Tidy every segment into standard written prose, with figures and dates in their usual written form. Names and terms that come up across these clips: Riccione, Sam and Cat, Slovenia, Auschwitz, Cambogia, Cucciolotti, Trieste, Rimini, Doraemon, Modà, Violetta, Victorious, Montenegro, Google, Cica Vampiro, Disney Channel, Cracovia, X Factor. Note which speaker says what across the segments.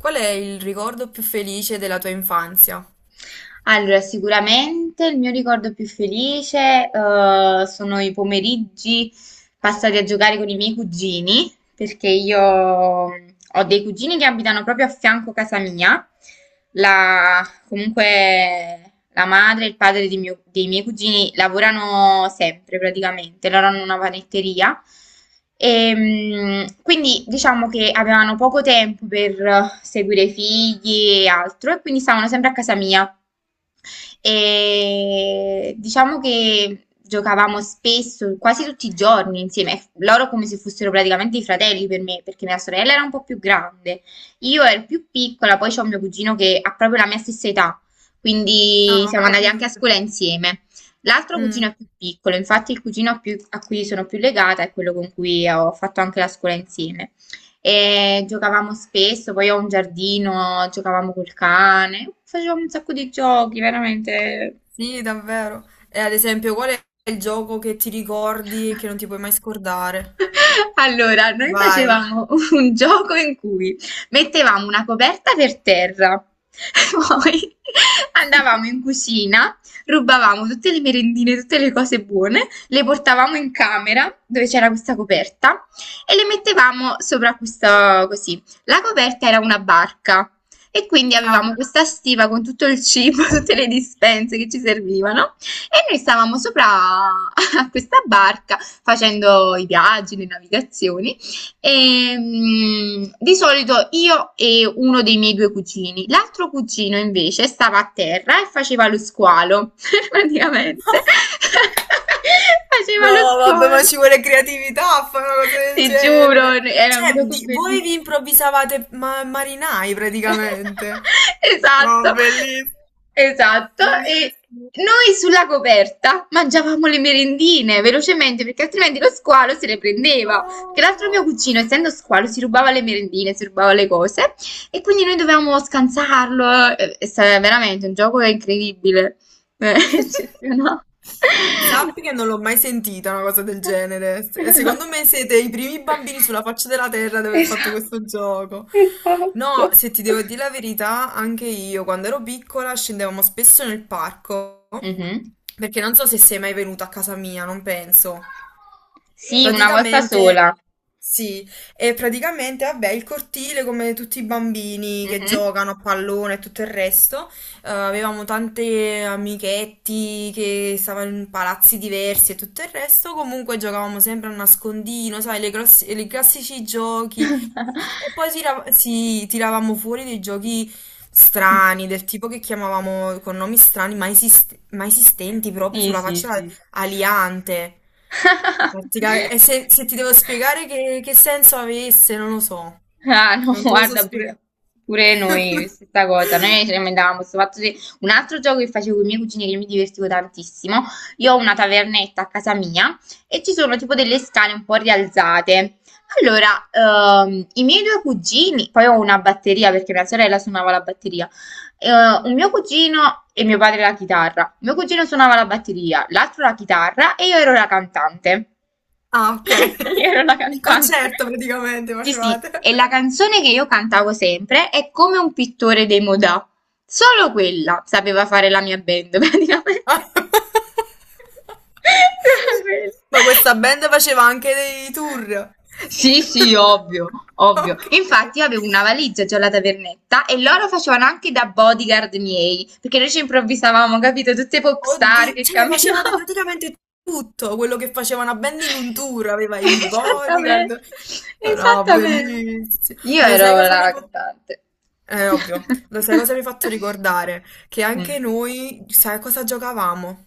Speaker 1: Qual è il ricordo più felice della tua infanzia?
Speaker 2: Allora, sicuramente il mio ricordo più felice, sono i pomeriggi passati a giocare con i miei cugini, perché io ho dei cugini che abitano proprio a fianco casa mia. Comunque la madre e il padre di dei miei cugini lavorano sempre praticamente, loro hanno una panetteria. E quindi diciamo che avevano poco tempo per seguire i figli e altro, e quindi stavano sempre a casa mia. E diciamo che giocavamo spesso, quasi tutti i giorni insieme, loro come se fossero praticamente i fratelli per me, perché mia sorella era un po' più grande, io ero più piccola, poi c'ho mio cugino che ha proprio la mia stessa età,
Speaker 1: Ah,
Speaker 2: quindi
Speaker 1: ho
Speaker 2: siamo andati anche a
Speaker 1: capito.
Speaker 2: scuola insieme. L'altro cugino
Speaker 1: Mm,
Speaker 2: è più piccolo, infatti il cugino a cui sono più legata è quello con cui ho fatto anche la scuola insieme. E giocavamo spesso, poi ho un giardino, giocavamo col cane, facevamo un sacco di giochi, veramente.
Speaker 1: sì, davvero. E ad esempio, qual è il gioco che ti ricordi e che non ti puoi mai scordare?
Speaker 2: Allora, noi
Speaker 1: Vai.
Speaker 2: facevamo un gioco in cui mettevamo una coperta per terra, poi andavamo in cucina, rubavamo tutte le merendine, tutte le cose buone, le portavamo in camera dove c'era questa coperta e le mettevamo sopra questa così. La coperta era una barca e quindi
Speaker 1: Ah.
Speaker 2: avevamo questa stiva con tutto il cibo, tutte le dispense che ci servivano e noi stavamo sopra a questa barca facendo i viaggi, le navigazioni e di solito io e uno dei miei due cugini. L'altro cugino invece stava a terra e faceva lo squalo, praticamente. Faceva lo
Speaker 1: No, vabbè, ma
Speaker 2: squalo.
Speaker 1: ci vuole creatività a fare una cosa del
Speaker 2: Ti giuro,
Speaker 1: genere.
Speaker 2: era un
Speaker 1: Cioè,
Speaker 2: gioco
Speaker 1: voi vi
Speaker 2: bellissimo.
Speaker 1: improvvisavate marinai praticamente. Ma
Speaker 2: Esatto,
Speaker 1: bellissimo,
Speaker 2: esatto. E
Speaker 1: bellissimo.
Speaker 2: noi sulla coperta mangiavamo le merendine velocemente perché altrimenti lo squalo se le prendeva. Perché l'altro mio
Speaker 1: Oh.
Speaker 2: cugino, essendo squalo, si rubava le merendine, si rubava le cose e quindi noi dovevamo scansarlo. Veramente un gioco incredibile, Eh, eccezionale.
Speaker 1: Sappi che non l'ho mai sentita una cosa del genere. Secondo me siete i primi bambini sulla faccia della terra ad aver fatto
Speaker 2: Esatto,
Speaker 1: questo gioco.
Speaker 2: esatto.
Speaker 1: No, se ti devo dire la verità, anche io quando ero piccola scendevamo spesso nel parco,
Speaker 2: Mhm.
Speaker 1: perché non so se sei mai venuto a casa mia, non penso.
Speaker 2: Sì, una volta
Speaker 1: Praticamente,
Speaker 2: sola.
Speaker 1: sì, e praticamente, vabbè, il cortile come tutti i bambini che
Speaker 2: Mhm.
Speaker 1: giocano a pallone e tutto il resto, avevamo tante amichetti che stavano in palazzi diversi e tutto il resto, comunque giocavamo sempre a nascondino, sai, i classici giochi e poi si tiravamo fuori dei giochi strani, del tipo che chiamavamo con nomi strani, ma, ma esistenti proprio
Speaker 2: Sì,
Speaker 1: sulla
Speaker 2: sì,
Speaker 1: faccia
Speaker 2: sì.
Speaker 1: aliante. E se, se ti devo spiegare che senso avesse, non lo so.
Speaker 2: Ah, no,
Speaker 1: Non te lo so
Speaker 2: guarda,
Speaker 1: spiegare.
Speaker 2: pure, pure noi, stessa cosa. Noi ci lamentavamo questo fatto di... Un altro gioco che facevo con i miei cugini che mi divertivo tantissimo. Io ho una tavernetta a casa mia e ci sono tipo delle scale un po' rialzate. Allora, i miei due cugini, poi ho una batteria perché mia sorella suonava la batteria. Un mio cugino e mio padre la chitarra. Mio cugino suonava la batteria, l'altro la chitarra e io ero la cantante.
Speaker 1: Ah, ok.
Speaker 2: Io ero la
Speaker 1: Il
Speaker 2: cantante.
Speaker 1: concerto praticamente
Speaker 2: Sì, sì,
Speaker 1: facevate.
Speaker 2: e la canzone che io cantavo sempre è Come un pittore dei Modà. Solo quella sapeva fare la mia band, praticamente. Solo quella.
Speaker 1: Ma questa band faceva anche dei tour.
Speaker 2: Sì, sì, ovvio, ovvio.
Speaker 1: Ok.
Speaker 2: Infatti io avevo una valigia già alla tavernetta e loro facevano anche da bodyguard miei, perché noi ci improvvisavamo, capito? Tutte pop star
Speaker 1: Oddio,
Speaker 2: che
Speaker 1: cioè facevate
Speaker 2: camminavano.
Speaker 1: praticamente tutto quello che faceva una band in un tour, aveva i
Speaker 2: Esattamente,
Speaker 1: bodyguard. No,
Speaker 2: esattamente.
Speaker 1: bellissimo.
Speaker 2: Io
Speaker 1: Lo sai
Speaker 2: ero
Speaker 1: cosa mi ha
Speaker 2: la
Speaker 1: fatto?
Speaker 2: cantante.
Speaker 1: Ovvio. Lo sai cosa mi ha fatto ricordare? Che
Speaker 2: Eh,
Speaker 1: anche noi, sai cosa giocavamo?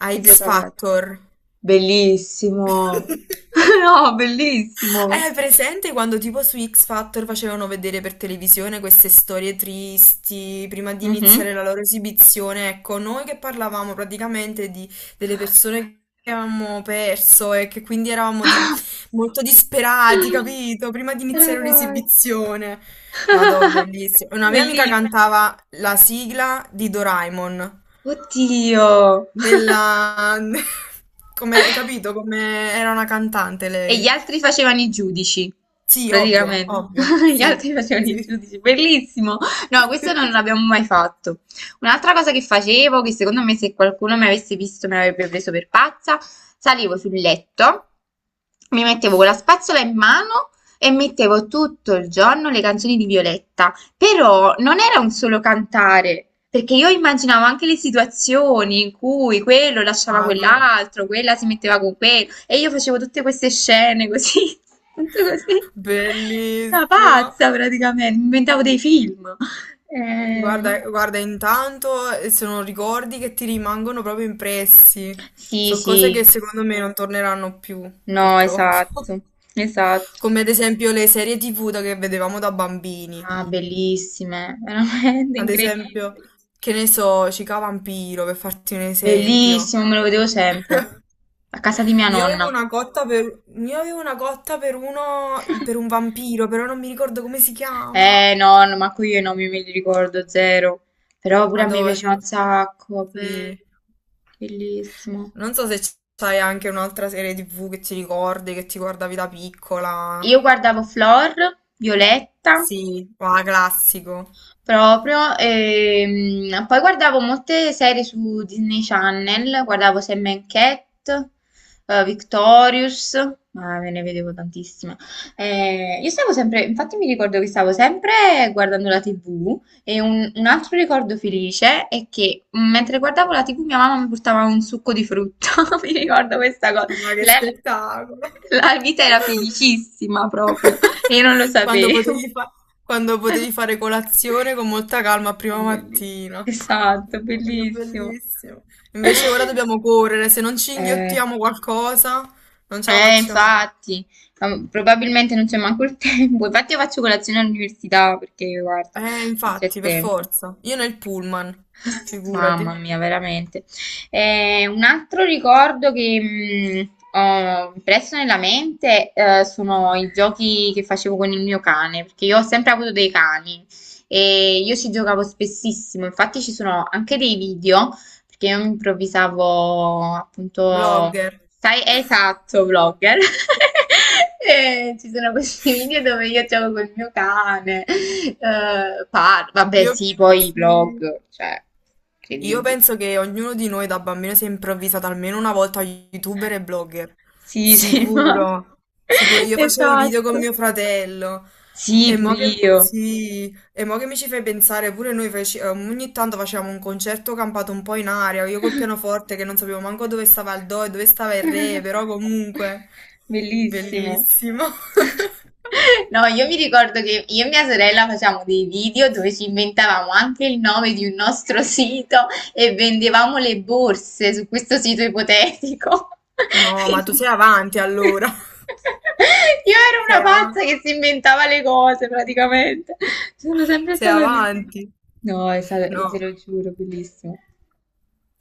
Speaker 1: A
Speaker 2: Che
Speaker 1: X
Speaker 2: giocavate?
Speaker 1: Factor.
Speaker 2: Bellissimo.
Speaker 1: Eh,
Speaker 2: No, bellissimo.
Speaker 1: Hai presente quando tipo su X Factor facevano vedere per televisione queste storie tristi prima di
Speaker 2: Mhm.
Speaker 1: iniziare la loro esibizione? Ecco, noi che parlavamo praticamente di, delle persone che avevamo perso e che quindi eravamo molto disperati, capito? Prima di iniziare
Speaker 2: Eravamo-
Speaker 1: un'esibizione. Madò, bellissimo. Una mia amica
Speaker 2: Bellissimo.
Speaker 1: cantava la sigla di Doraemon.
Speaker 2: Oddio.
Speaker 1: Nella... Come, hai capito? Come era una cantante
Speaker 2: E gli
Speaker 1: lei.
Speaker 2: altri facevano i giudici,
Speaker 1: Sì, ovvio,
Speaker 2: praticamente.
Speaker 1: ovvio,
Speaker 2: Gli
Speaker 1: sì,
Speaker 2: altri facevano i
Speaker 1: sì.
Speaker 2: giudici, bellissimo. No, questo non l'abbiamo mai fatto. Un'altra cosa che facevo, che secondo me se qualcuno mi avesse visto mi avrebbe preso per pazza, salivo sul letto, mi mettevo con la spazzola in mano e mettevo tutto il giorno le canzoni di Violetta. Però non era un solo cantare, perché io immaginavo anche le situazioni in cui quello lasciava
Speaker 1: Vado.
Speaker 2: quell'altro, quella si metteva con quello, e io facevo tutte queste scene così, tutto così. Una
Speaker 1: Bellissimo.
Speaker 2: pazza praticamente, inventavo dei film. No.
Speaker 1: Guarda, guarda, intanto sono ricordi che ti rimangono proprio impressi.
Speaker 2: Sì,
Speaker 1: So
Speaker 2: sì,
Speaker 1: cose che secondo me non torneranno più,
Speaker 2: no,
Speaker 1: purtroppo.
Speaker 2: esatto, esatto.
Speaker 1: Come ad esempio le serie TV che vedevamo da bambini.
Speaker 2: Ah, bellissime, veramente
Speaker 1: Ad esempio,
Speaker 2: incredibili.
Speaker 1: che ne so, Cica Vampiro, per farti un esempio.
Speaker 2: Bellissimo, me lo vedevo sempre. A casa di mia nonna.
Speaker 1: Io avevo una cotta per uno, per un vampiro, però non mi ricordo come si chiama.
Speaker 2: Eh no, no, ma qui io i nomi me li ricordo zero. Però pure a me piaceva un
Speaker 1: Madonna.
Speaker 2: sacco, bello,
Speaker 1: Sì.
Speaker 2: bellissimo.
Speaker 1: Non so se c'hai anche un'altra serie TV che ti ricordi, che ti guardavi da piccola.
Speaker 2: Io guardavo Flor, Violetta,
Speaker 1: Sì, va, classico.
Speaker 2: proprio. E poi guardavo molte serie su Disney Channel, guardavo Sam and Cat, Victorious, ma me ne vedevo tantissime. Io stavo sempre, infatti mi ricordo che stavo sempre guardando la TV e un altro ricordo felice è che mentre guardavo la TV mia mamma mi portava un succo di frutta, mi ricordo questa cosa.
Speaker 1: Ma che
Speaker 2: Lei-
Speaker 1: spettacolo.
Speaker 2: la vita era felicissima proprio. Io non lo
Speaker 1: Quando
Speaker 2: sapevo.
Speaker 1: potevi fa- quando potevi fare colazione con molta calma a
Speaker 2: Ah,
Speaker 1: prima
Speaker 2: belli-
Speaker 1: mattina.
Speaker 2: Esatto,
Speaker 1: Guarda, che
Speaker 2: bellissimo.
Speaker 1: bellissimo. Invece ora dobbiamo correre, se non ci
Speaker 2: Eh,
Speaker 1: inghiottiamo qualcosa, non ce la facciamo.
Speaker 2: infatti, ma probabilmente non c'è manco il tempo. Infatti io faccio colazione all'università perché, guarda, non c'è
Speaker 1: Infatti, per
Speaker 2: tempo.
Speaker 1: forza. Io nel pullman,
Speaker 2: Mamma
Speaker 1: figurati.
Speaker 2: mia, veramente. Un altro ricordo che ho impresso nella mente sono i giochi che facevo con il mio cane, perché io ho sempre avuto dei cani e io ci giocavo spessissimo, infatti ci sono anche dei video perché io improvvisavo appunto,
Speaker 1: Blogger.
Speaker 2: sai, esatto, vlogger. E ci sono questi video dove io gioco col mio cane, parlo, vabbè,
Speaker 1: Io
Speaker 2: sì, poi i
Speaker 1: sì.
Speaker 2: vlog, cioè,
Speaker 1: Io
Speaker 2: incredibile.
Speaker 1: penso che ognuno di noi da bambino si è improvvisato almeno una volta youtuber e blogger.
Speaker 2: Sì, sì, ma...
Speaker 1: Sicuro, sicuro. Io facevo i video
Speaker 2: Esatto.
Speaker 1: con mio fratello.
Speaker 2: Sì,
Speaker 1: E
Speaker 2: pure
Speaker 1: mo che,
Speaker 2: io.
Speaker 1: sì, e mo che mi ci fai pensare, pure noi ogni tanto facevamo un concerto campato un po' in aria, io col pianoforte che non sapevo manco dove stava il do e dove stava il re, però comunque,
Speaker 2: Bellissimo.
Speaker 1: bellissimo.
Speaker 2: No, io mi ricordo che io e mia sorella facevamo dei video dove ci inventavamo anche il nome di un nostro sito e vendevamo le borse su questo sito ipotetico.
Speaker 1: No, ma tu
Speaker 2: Quindi-
Speaker 1: sei avanti allora.
Speaker 2: Io ero
Speaker 1: Sei
Speaker 2: una pazza
Speaker 1: avanti.
Speaker 2: che si inventava le cose praticamente. Sono sempre
Speaker 1: Sei
Speaker 2: stata così.
Speaker 1: avanti.
Speaker 2: No, è stato, te
Speaker 1: No.
Speaker 2: lo giuro, bellissimo.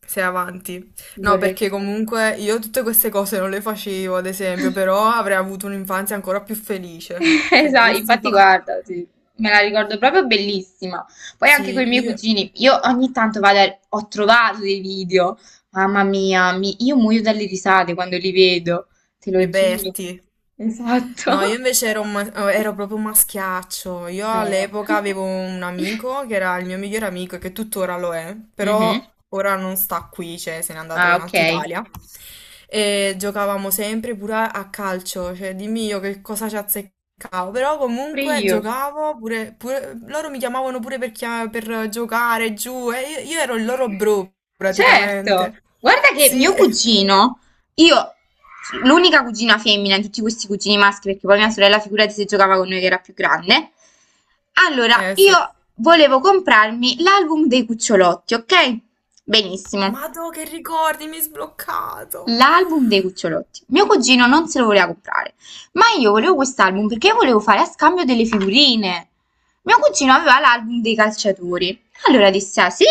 Speaker 1: Sei avanti. No,
Speaker 2: Vorrei che...
Speaker 1: perché comunque io tutte queste cose non le facevo, ad esempio, però avrei avuto un'infanzia ancora più felice. Se le
Speaker 2: Esatto,
Speaker 1: avessi
Speaker 2: infatti
Speaker 1: fatte.
Speaker 2: guarda, sì, me la ricordo proprio bellissima. Poi anche con i
Speaker 1: Sì,
Speaker 2: miei
Speaker 1: io...
Speaker 2: cugini, io ogni tanto vado ho trovato dei video, mamma mia, io muoio dalle risate quando li vedo, te lo giuro.
Speaker 1: Reperti. No, io
Speaker 2: Esatto.
Speaker 1: invece ero, ero proprio un maschiaccio. Io
Speaker 2: Eh.
Speaker 1: all'epoca avevo un amico che era il mio migliore amico e che tuttora lo è,
Speaker 2: Mhm.
Speaker 1: però ora non sta qui, cioè se n'è andato
Speaker 2: Ah,
Speaker 1: in
Speaker 2: ok.
Speaker 1: Alta Italia. E giocavamo sempre pure a calcio, cioè dimmi io che cosa ci azzeccavo, però
Speaker 2: Pure
Speaker 1: comunque
Speaker 2: io.
Speaker 1: giocavo pure, loro mi chiamavano pure per, per giocare giù e io ero il loro bro
Speaker 2: Certo,
Speaker 1: praticamente.
Speaker 2: guarda che
Speaker 1: Sì,
Speaker 2: mio cugino, io, l'unica cugina femmina di tutti questi cugini maschi, perché poi mia sorella, figurati se giocava con noi che era più grande. Allora,
Speaker 1: eh sì.
Speaker 2: io volevo comprarmi l'album dei cucciolotti, ok? Benissimo
Speaker 1: Madò, che ricordi, mi hai sbloccato.
Speaker 2: l'album dei cucciolotti. Mio cugino non se lo voleva comprare, ma io volevo quest'album perché volevo fare a scambio delle figurine. Mio cugino aveva l'album dei calciatori. Allora disse: Ah sì,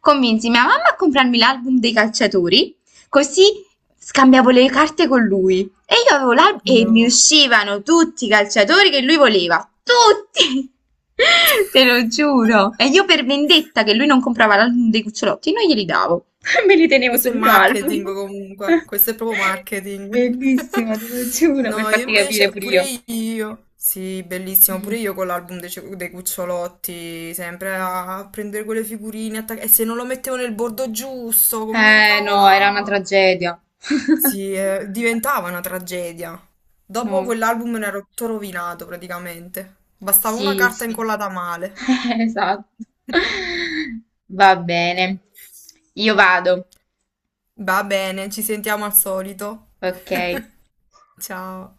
Speaker 2: convinsi mia mamma a comprarmi l'album dei calciatori, così scambiavo le carte con lui e io avevo l'albo e mi
Speaker 1: No.
Speaker 2: uscivano tutti i calciatori che lui voleva, tutti! Te lo giuro. E io per vendetta che lui non comprava l'album dei cucciolotti, non glieli davo. Me li tenevo
Speaker 1: Questo
Speaker 2: sul
Speaker 1: è
Speaker 2: mio
Speaker 1: marketing
Speaker 2: album.
Speaker 1: comunque, questo è proprio marketing.
Speaker 2: Bellissimo, te lo giuro, per
Speaker 1: No, io
Speaker 2: farti capire
Speaker 1: invece,
Speaker 2: pure
Speaker 1: pure
Speaker 2: io.
Speaker 1: io, sì, bellissimo, pure
Speaker 2: Mm.
Speaker 1: io con dei Cucciolotti, sempre a prendere quelle figurine, e se non lo mettevo nel bordo giusto, come mi
Speaker 2: Eh no, era una
Speaker 1: incavolavo.
Speaker 2: tragedia.
Speaker 1: Sì, diventava una tragedia. Dopo
Speaker 2: No,
Speaker 1: quell'album ne ero tutto rovinato praticamente. Bastava una
Speaker 2: sì,
Speaker 1: carta
Speaker 2: sì.
Speaker 1: incollata male.
Speaker 2: Esatto. Va bene. Io vado,
Speaker 1: Va bene, ci sentiamo al solito.
Speaker 2: ok?
Speaker 1: Ciao.